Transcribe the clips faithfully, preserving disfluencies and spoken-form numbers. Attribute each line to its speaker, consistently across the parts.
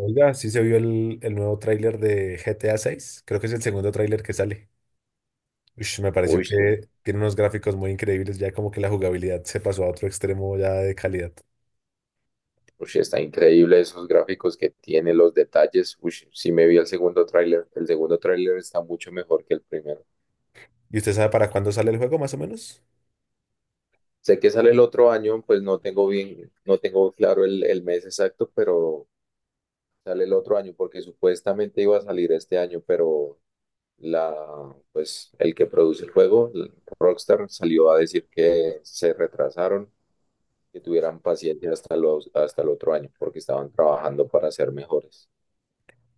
Speaker 1: Oiga, sí se vio el, el nuevo tráiler de G T A seis. Creo que es el segundo tráiler que sale. Ush, me pareció
Speaker 2: Uy, sí.
Speaker 1: que tiene unos gráficos muy increíbles, ya como que la jugabilidad se pasó a otro extremo ya de calidad.
Speaker 2: Uy, sí, está increíble esos gráficos que tiene, los detalles. Uy, sí me vi el segundo tráiler. El segundo tráiler está mucho mejor que el primero.
Speaker 1: ¿Y usted sabe para cuándo sale el juego más o menos?
Speaker 2: Sé que sale el otro año, pues no tengo bien, no tengo claro el, el mes exacto, pero sale el otro año porque supuestamente iba a salir este año, pero la, pues el que produce el juego, el Rockstar, salió a decir que se retrasaron, que tuvieran paciencia hasta los, hasta el otro año porque estaban trabajando para ser mejores.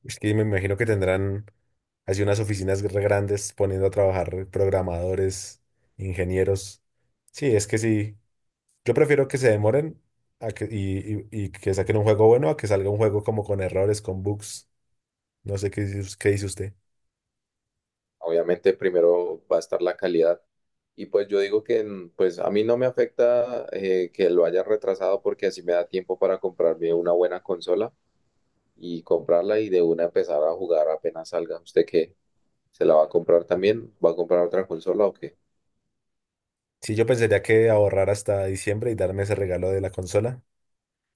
Speaker 1: Es que me imagino que tendrán así unas oficinas re grandes poniendo a trabajar programadores, ingenieros. Sí, es que sí. Yo prefiero que se demoren a que, y, y- y que saquen un juego bueno a que salga un juego como con errores, con bugs. No sé qué, dice- us- qué dice usted.
Speaker 2: Obviamente primero va a estar la calidad. Y pues yo digo que en- pues a mí no me afecta eh, que lo haya retrasado porque así me da tiempo para comprarme una buena consola y comprarla y de una empezar a jugar apenas salga. ¿Usted qué? ¿Se la va a comprar también? ¿Va a comprar otra consola o qué?
Speaker 1: Sí, yo pensaría que ahorrar hasta diciembre y darme ese regalo de la consola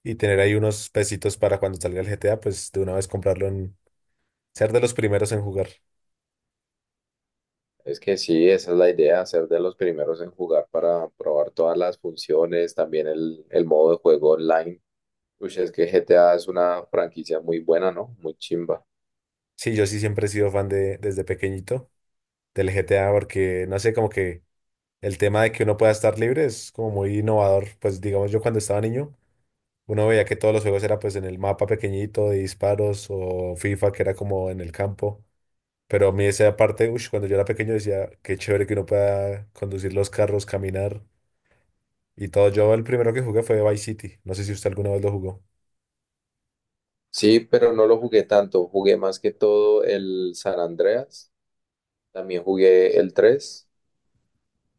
Speaker 1: y tener ahí unos pesitos para cuando salga el G T A, pues de una vez comprarlo en ser de los primeros en jugar.
Speaker 2: Es que sí, esa es la idea, ser de los primeros en jugar para probar todas las funciones, también el, el modo de juego online. Uy, es que G T A es una franquicia muy buena, ¿no? Muy chimba.
Speaker 1: Sí, yo sí siempre he sido fan de desde pequeñito del G T A porque no sé, como que el tema de que uno pueda estar libre es como muy innovador. Pues digamos yo cuando estaba niño, uno veía que todos los juegos era pues en el mapa pequeñito de disparos o FIFA que era como en el campo. Pero a mí esa parte, ush, cuando yo era pequeño decía, qué chévere que uno pueda conducir los carros, caminar. Y todo, yo el primero que jugué fue Vice City. No sé si usted alguna vez lo jugó.
Speaker 2: Sí, pero no lo jugué tanto. Jugué más que todo el San Andreas. También jugué el tres.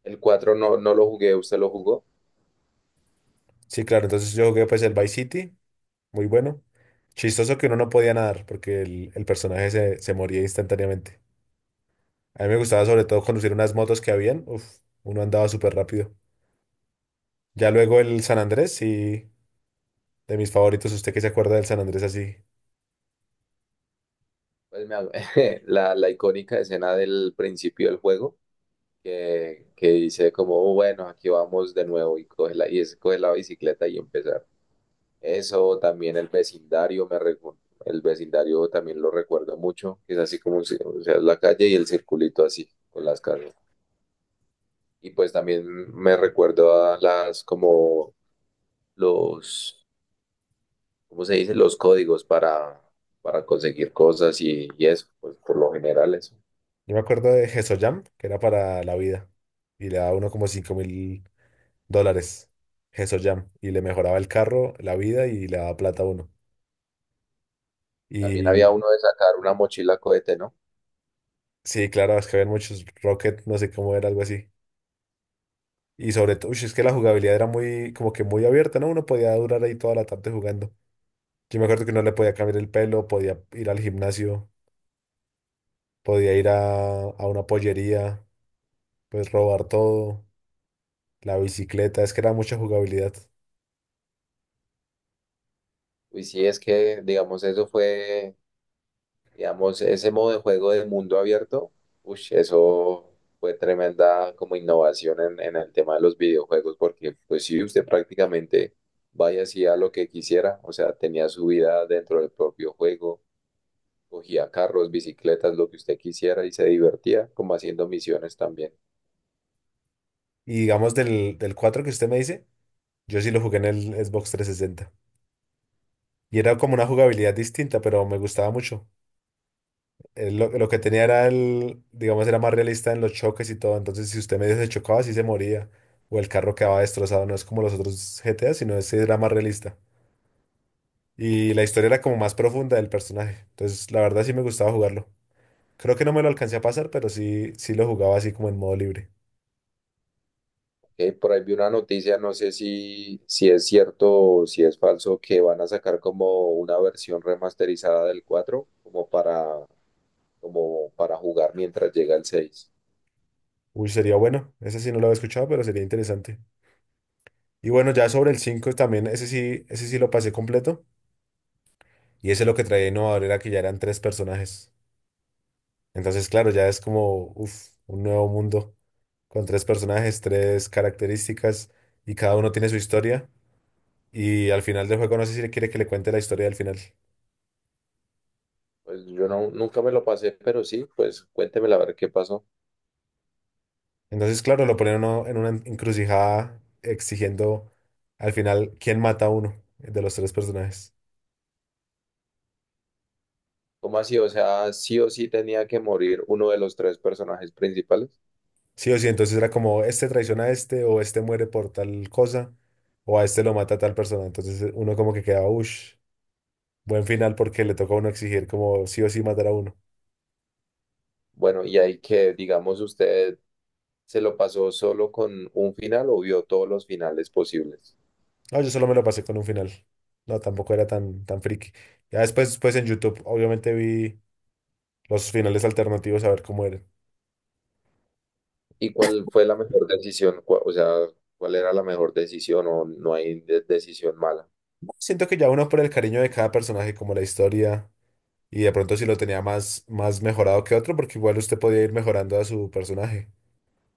Speaker 2: El cuatro no, no lo jugué. ¿Usted lo jugó?
Speaker 1: Sí, claro, entonces yo jugué pues el Vice City, muy bueno. Chistoso que uno no podía nadar porque el, el personaje se, se moría instantáneamente. A mí me gustaba sobre todo conducir unas motos que habían. Uf, uno andaba súper rápido. Ya luego el San Andrés, sí, de mis favoritos. ¿Usted qué se acuerda del San Andrés así?
Speaker 2: Pues me, la, la icónica escena del principio del juego que, que dice como: "Oh, bueno, aquí vamos de nuevo y coge la, y es coge la bicicleta y empezar". Eso, también el vecindario, me recu- el vecindario también lo recuerdo mucho, que es así como, si- o sea, la calle y el circulito así, con las casas. Y pues también me recuerdo a las como los, ¿cómo se dice? Los códigos para, para conseguir cosas y, y eso, pues por lo general eso.
Speaker 1: Yo me acuerdo de Jam, que era para la vida. Y le daba uno como cinco mil dólares. Jam. Y le mejoraba el carro, la vida y le daba plata a uno.
Speaker 2: También
Speaker 1: Y
Speaker 2: había uno de sacar una mochila cohete, ¿no?
Speaker 1: sí, claro, es que había muchos Rocket, no sé cómo era, algo así. Y sobre todo, uy, es que la jugabilidad era muy, como que muy abierta, ¿no? Uno podía durar ahí toda la tarde jugando. Yo me acuerdo que uno le podía cambiar el pelo, podía ir al gimnasio, podía ir a, a una pollería, pues robar todo, la bicicleta, es que era mucha jugabilidad.
Speaker 2: Y sí, es que, digamos, eso fue, digamos, ese modo de juego de mundo abierto, uy, eso fue tremenda como innovación en, en el tema de los videojuegos, porque pues sí, usted prácticamente vaya y hacía lo que quisiera, o sea, tenía su vida dentro del propio juego. Cogía carros, bicicletas, lo que usted quisiera y se divertía como haciendo misiones también.
Speaker 1: Y digamos del, del cuatro que usted me dice, yo sí lo jugué en el Xbox trescientos sesenta. Y era como una jugabilidad distinta, pero me gustaba mucho. eh, lo, lo que tenía era el, digamos, era más realista en los choques y todo. Entonces, si usted medio se chocaba, sí se moría. O el carro quedaba destrozado. No es como los otros G T A, sino ese era más realista. Y la historia era como más profunda del personaje. Entonces, la verdad sí me gustaba jugarlo. Creo que no me lo alcancé a pasar, pero sí, sí lo jugaba así como en modo libre.
Speaker 2: Eh, por ahí vi una noticia, no sé si, si es cierto o si es falso, que van a sacar como una versión remasterizada del cuatro como para, como para jugar mientras llega el seis.
Speaker 1: Uy, sería bueno. Ese sí no lo había escuchado, pero sería interesante. Y bueno, ya sobre el cinco también, ese sí, ese sí lo pasé completo. Y ese lo que traía innovador era que ya eran tres personajes. Entonces, claro, ya es como uf, un nuevo mundo con tres personajes, tres características y cada uno tiene su historia. Y al final del juego no sé si le quiere que le cuente la historia del final.
Speaker 2: Pues yo no, nunca me lo pasé, pero sí, pues cuéntemela a ver qué pasó.
Speaker 1: Entonces, claro, lo ponen a uno en una encrucijada exigiendo al final quién mata a uno de los tres personajes.
Speaker 2: ¿Cómo así? O sea, ¿sí o sí tenía que morir uno de los tres personajes principales?
Speaker 1: Sí o sí, entonces era como este traiciona a este o este muere por tal cosa o a este lo mata tal persona. Entonces uno como que quedaba, uff, buen final porque le tocó a uno exigir como sí o sí matar a uno.
Speaker 2: Bueno, y ahí que, digamos, usted, ¿se lo pasó solo con un final o vio todos los finales posibles?
Speaker 1: No, yo solo me lo pasé con un final. No, tampoco era tan, tan friki. Ya después, pues en YouTube, obviamente vi los finales alternativos a ver cómo eran.
Speaker 2: ¿Y cuál fue la mejor decisión? Cu- O sea, ¿cuál era la mejor decisión o no hay de- decisión mala?
Speaker 1: Siento que ya uno por el cariño de cada personaje, como la historia, y de pronto si lo tenía más, más mejorado que otro, porque igual usted podía ir mejorando a su personaje.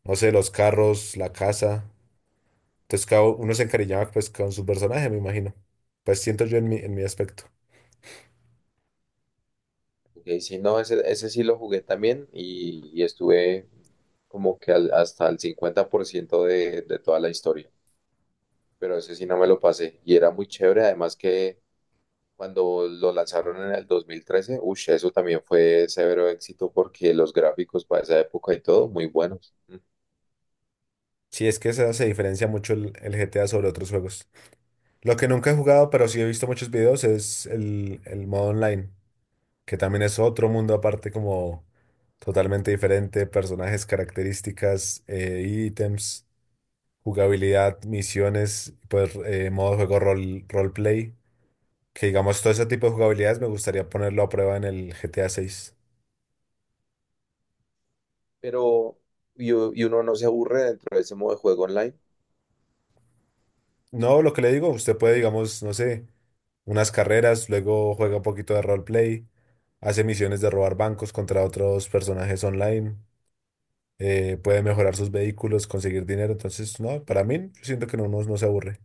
Speaker 1: No sé, los carros, la casa. Entonces cada uno se encariñaba pues con su personaje, me imagino. Pues siento yo en mi, en mi aspecto.
Speaker 2: Porque sí no, ese, ese sí lo jugué también y, y estuve como que al- hasta el cincuenta por ciento de, de toda la historia, pero ese sí no me lo pasé y era muy chévere, además que cuando lo lanzaron en el dos mil trece, uff, eso también fue severo éxito porque los gráficos para esa época y todo, muy buenos.
Speaker 1: Sí, es que esa se diferencia mucho el, el G T A sobre otros juegos. Lo que nunca he jugado, pero sí he visto muchos videos, es el, el modo online, que también es otro mundo aparte, como totalmente diferente, personajes, características, eh, ítems, jugabilidad, misiones, pues eh, modo de juego rol, roleplay, que digamos todo ese tipo de jugabilidades me gustaría ponerlo a prueba en el G T A seis.
Speaker 2: Pero y, u- y uno no se aburre dentro de ese modo de juego online,
Speaker 1: No, lo que le digo, usted puede, digamos, no sé, unas carreras, luego juega un poquito de roleplay, hace misiones de robar bancos contra otros personajes online. Eh, puede mejorar sus vehículos, conseguir dinero. Entonces, no, para mí, yo siento que no, no, no se aburre.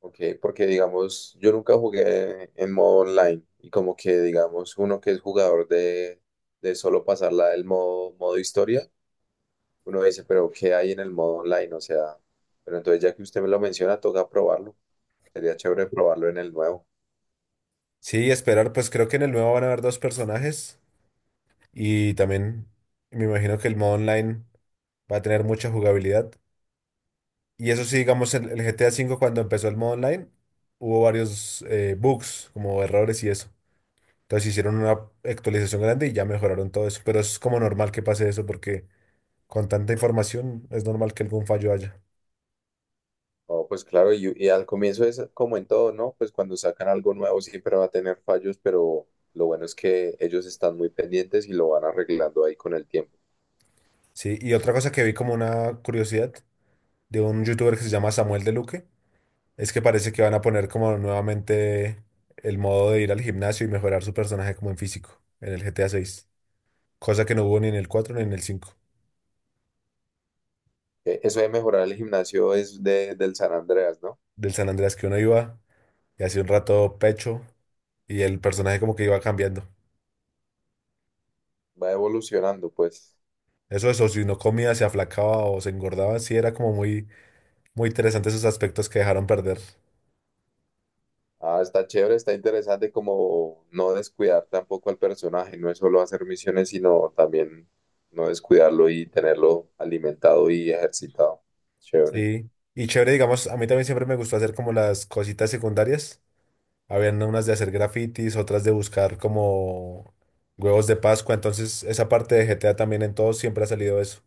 Speaker 2: ¿ok? Porque digamos, yo nunca jugué en modo online y como que digamos, uno que es jugador de, de solo pasarla del modo, modo historia, uno dice, pero ¿qué hay en el modo online? O sea, pero entonces ya que usted me lo menciona, toca probarlo. Sería chévere probarlo en el nuevo.
Speaker 1: Sí, esperar, pues creo que en el nuevo van a haber dos personajes y también me imagino que el modo online va a tener mucha jugabilidad. Y eso sí, digamos, el, el G T A ve cuando empezó el modo online, hubo varios eh, bugs, como errores y eso. Entonces hicieron una actualización grande y ya mejoraron todo eso. Pero es como normal que pase eso porque con tanta información es normal que algún fallo haya.
Speaker 2: Oh, pues claro, y, y al comienzo es como en todo, ¿no? Pues cuando sacan algo nuevo siempre va a tener fallos, pero lo bueno es que ellos están muy pendientes y lo van arreglando ahí con el tiempo.
Speaker 1: Sí, y otra cosa que vi como una curiosidad de un youtuber que se llama Samuel de Luque. Es que parece que van a poner como nuevamente el modo de ir al gimnasio y mejorar su personaje como en físico en el G T A seis. Cosa que no hubo ni en el cuatro ni en el cinco.
Speaker 2: Eh, Eso de mejorar el gimnasio es de, del San Andreas, ¿no?
Speaker 1: Del San Andreas que uno iba y hacía un rato pecho y el personaje como que iba cambiando.
Speaker 2: Va evolucionando, pues.
Speaker 1: Eso, eso, si no comía, se aflacaba o se engordaba, sí era como muy, muy interesante esos aspectos que dejaron perder.
Speaker 2: Ah, está chévere, está interesante como no descuidar tampoco al personaje, no es solo hacer misiones, sino también no descuidarlo y tenerlo alimentado y ejercitado. Chévere.
Speaker 1: Sí. Y chévere, digamos, a mí también siempre me gustó hacer como las cositas secundarias. Habían unas de hacer grafitis, otras de buscar como huevos de Pascua. Entonces, esa parte de G T A también en todos siempre ha salido eso.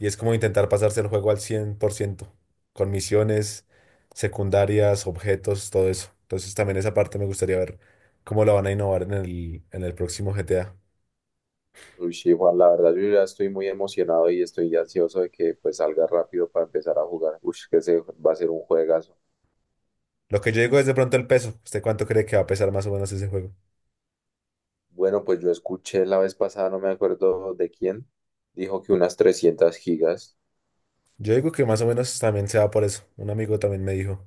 Speaker 1: Y es como intentar pasarse el juego al cien por ciento con misiones secundarias, objetos, todo eso. Entonces, también esa parte me gustaría ver cómo la van a innovar en el, en el próximo G T A.
Speaker 2: Uy, sí, Juan, la verdad yo ya estoy muy emocionado y estoy ansioso de que pues salga rápido para empezar a jugar. Uy, que se va a ser un juegazo.
Speaker 1: Lo que yo digo es de pronto el peso. ¿Usted cuánto cree que va a pesar más o menos ese juego?
Speaker 2: Bueno, pues yo escuché la vez pasada, no me acuerdo de quién, dijo que unas trescientas gigas.
Speaker 1: Yo digo que más o menos también se va por eso. Un amigo también me dijo.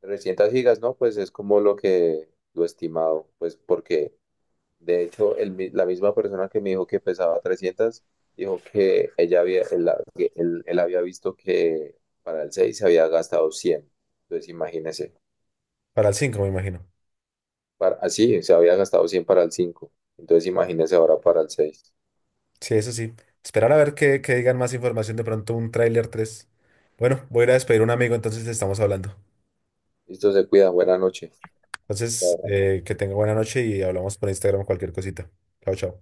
Speaker 2: Trescientas gigas, ¿no? Pues es como lo que lo estimado, pues porque de hecho el mi- la misma persona que me dijo que pesaba trescientas dijo que ella había, él, la- que él- él había visto que para el seis se había gastado cien. Entonces imagínese,
Speaker 1: Para el cinco me imagino.
Speaker 2: para, así se había gastado cien para el cinco. Entonces imagínese ahora para el seis.
Speaker 1: Sí, eso sí. Esperar a ver que, que digan más información, de pronto un tráiler tres. Bueno, voy a ir a despedir a un amigo, entonces estamos hablando.
Speaker 2: Listo, se cuida, buena noche.
Speaker 1: Entonces,
Speaker 2: Chao.
Speaker 1: eh, que tenga buena noche y hablamos por Instagram cualquier cosita. Chao, chao.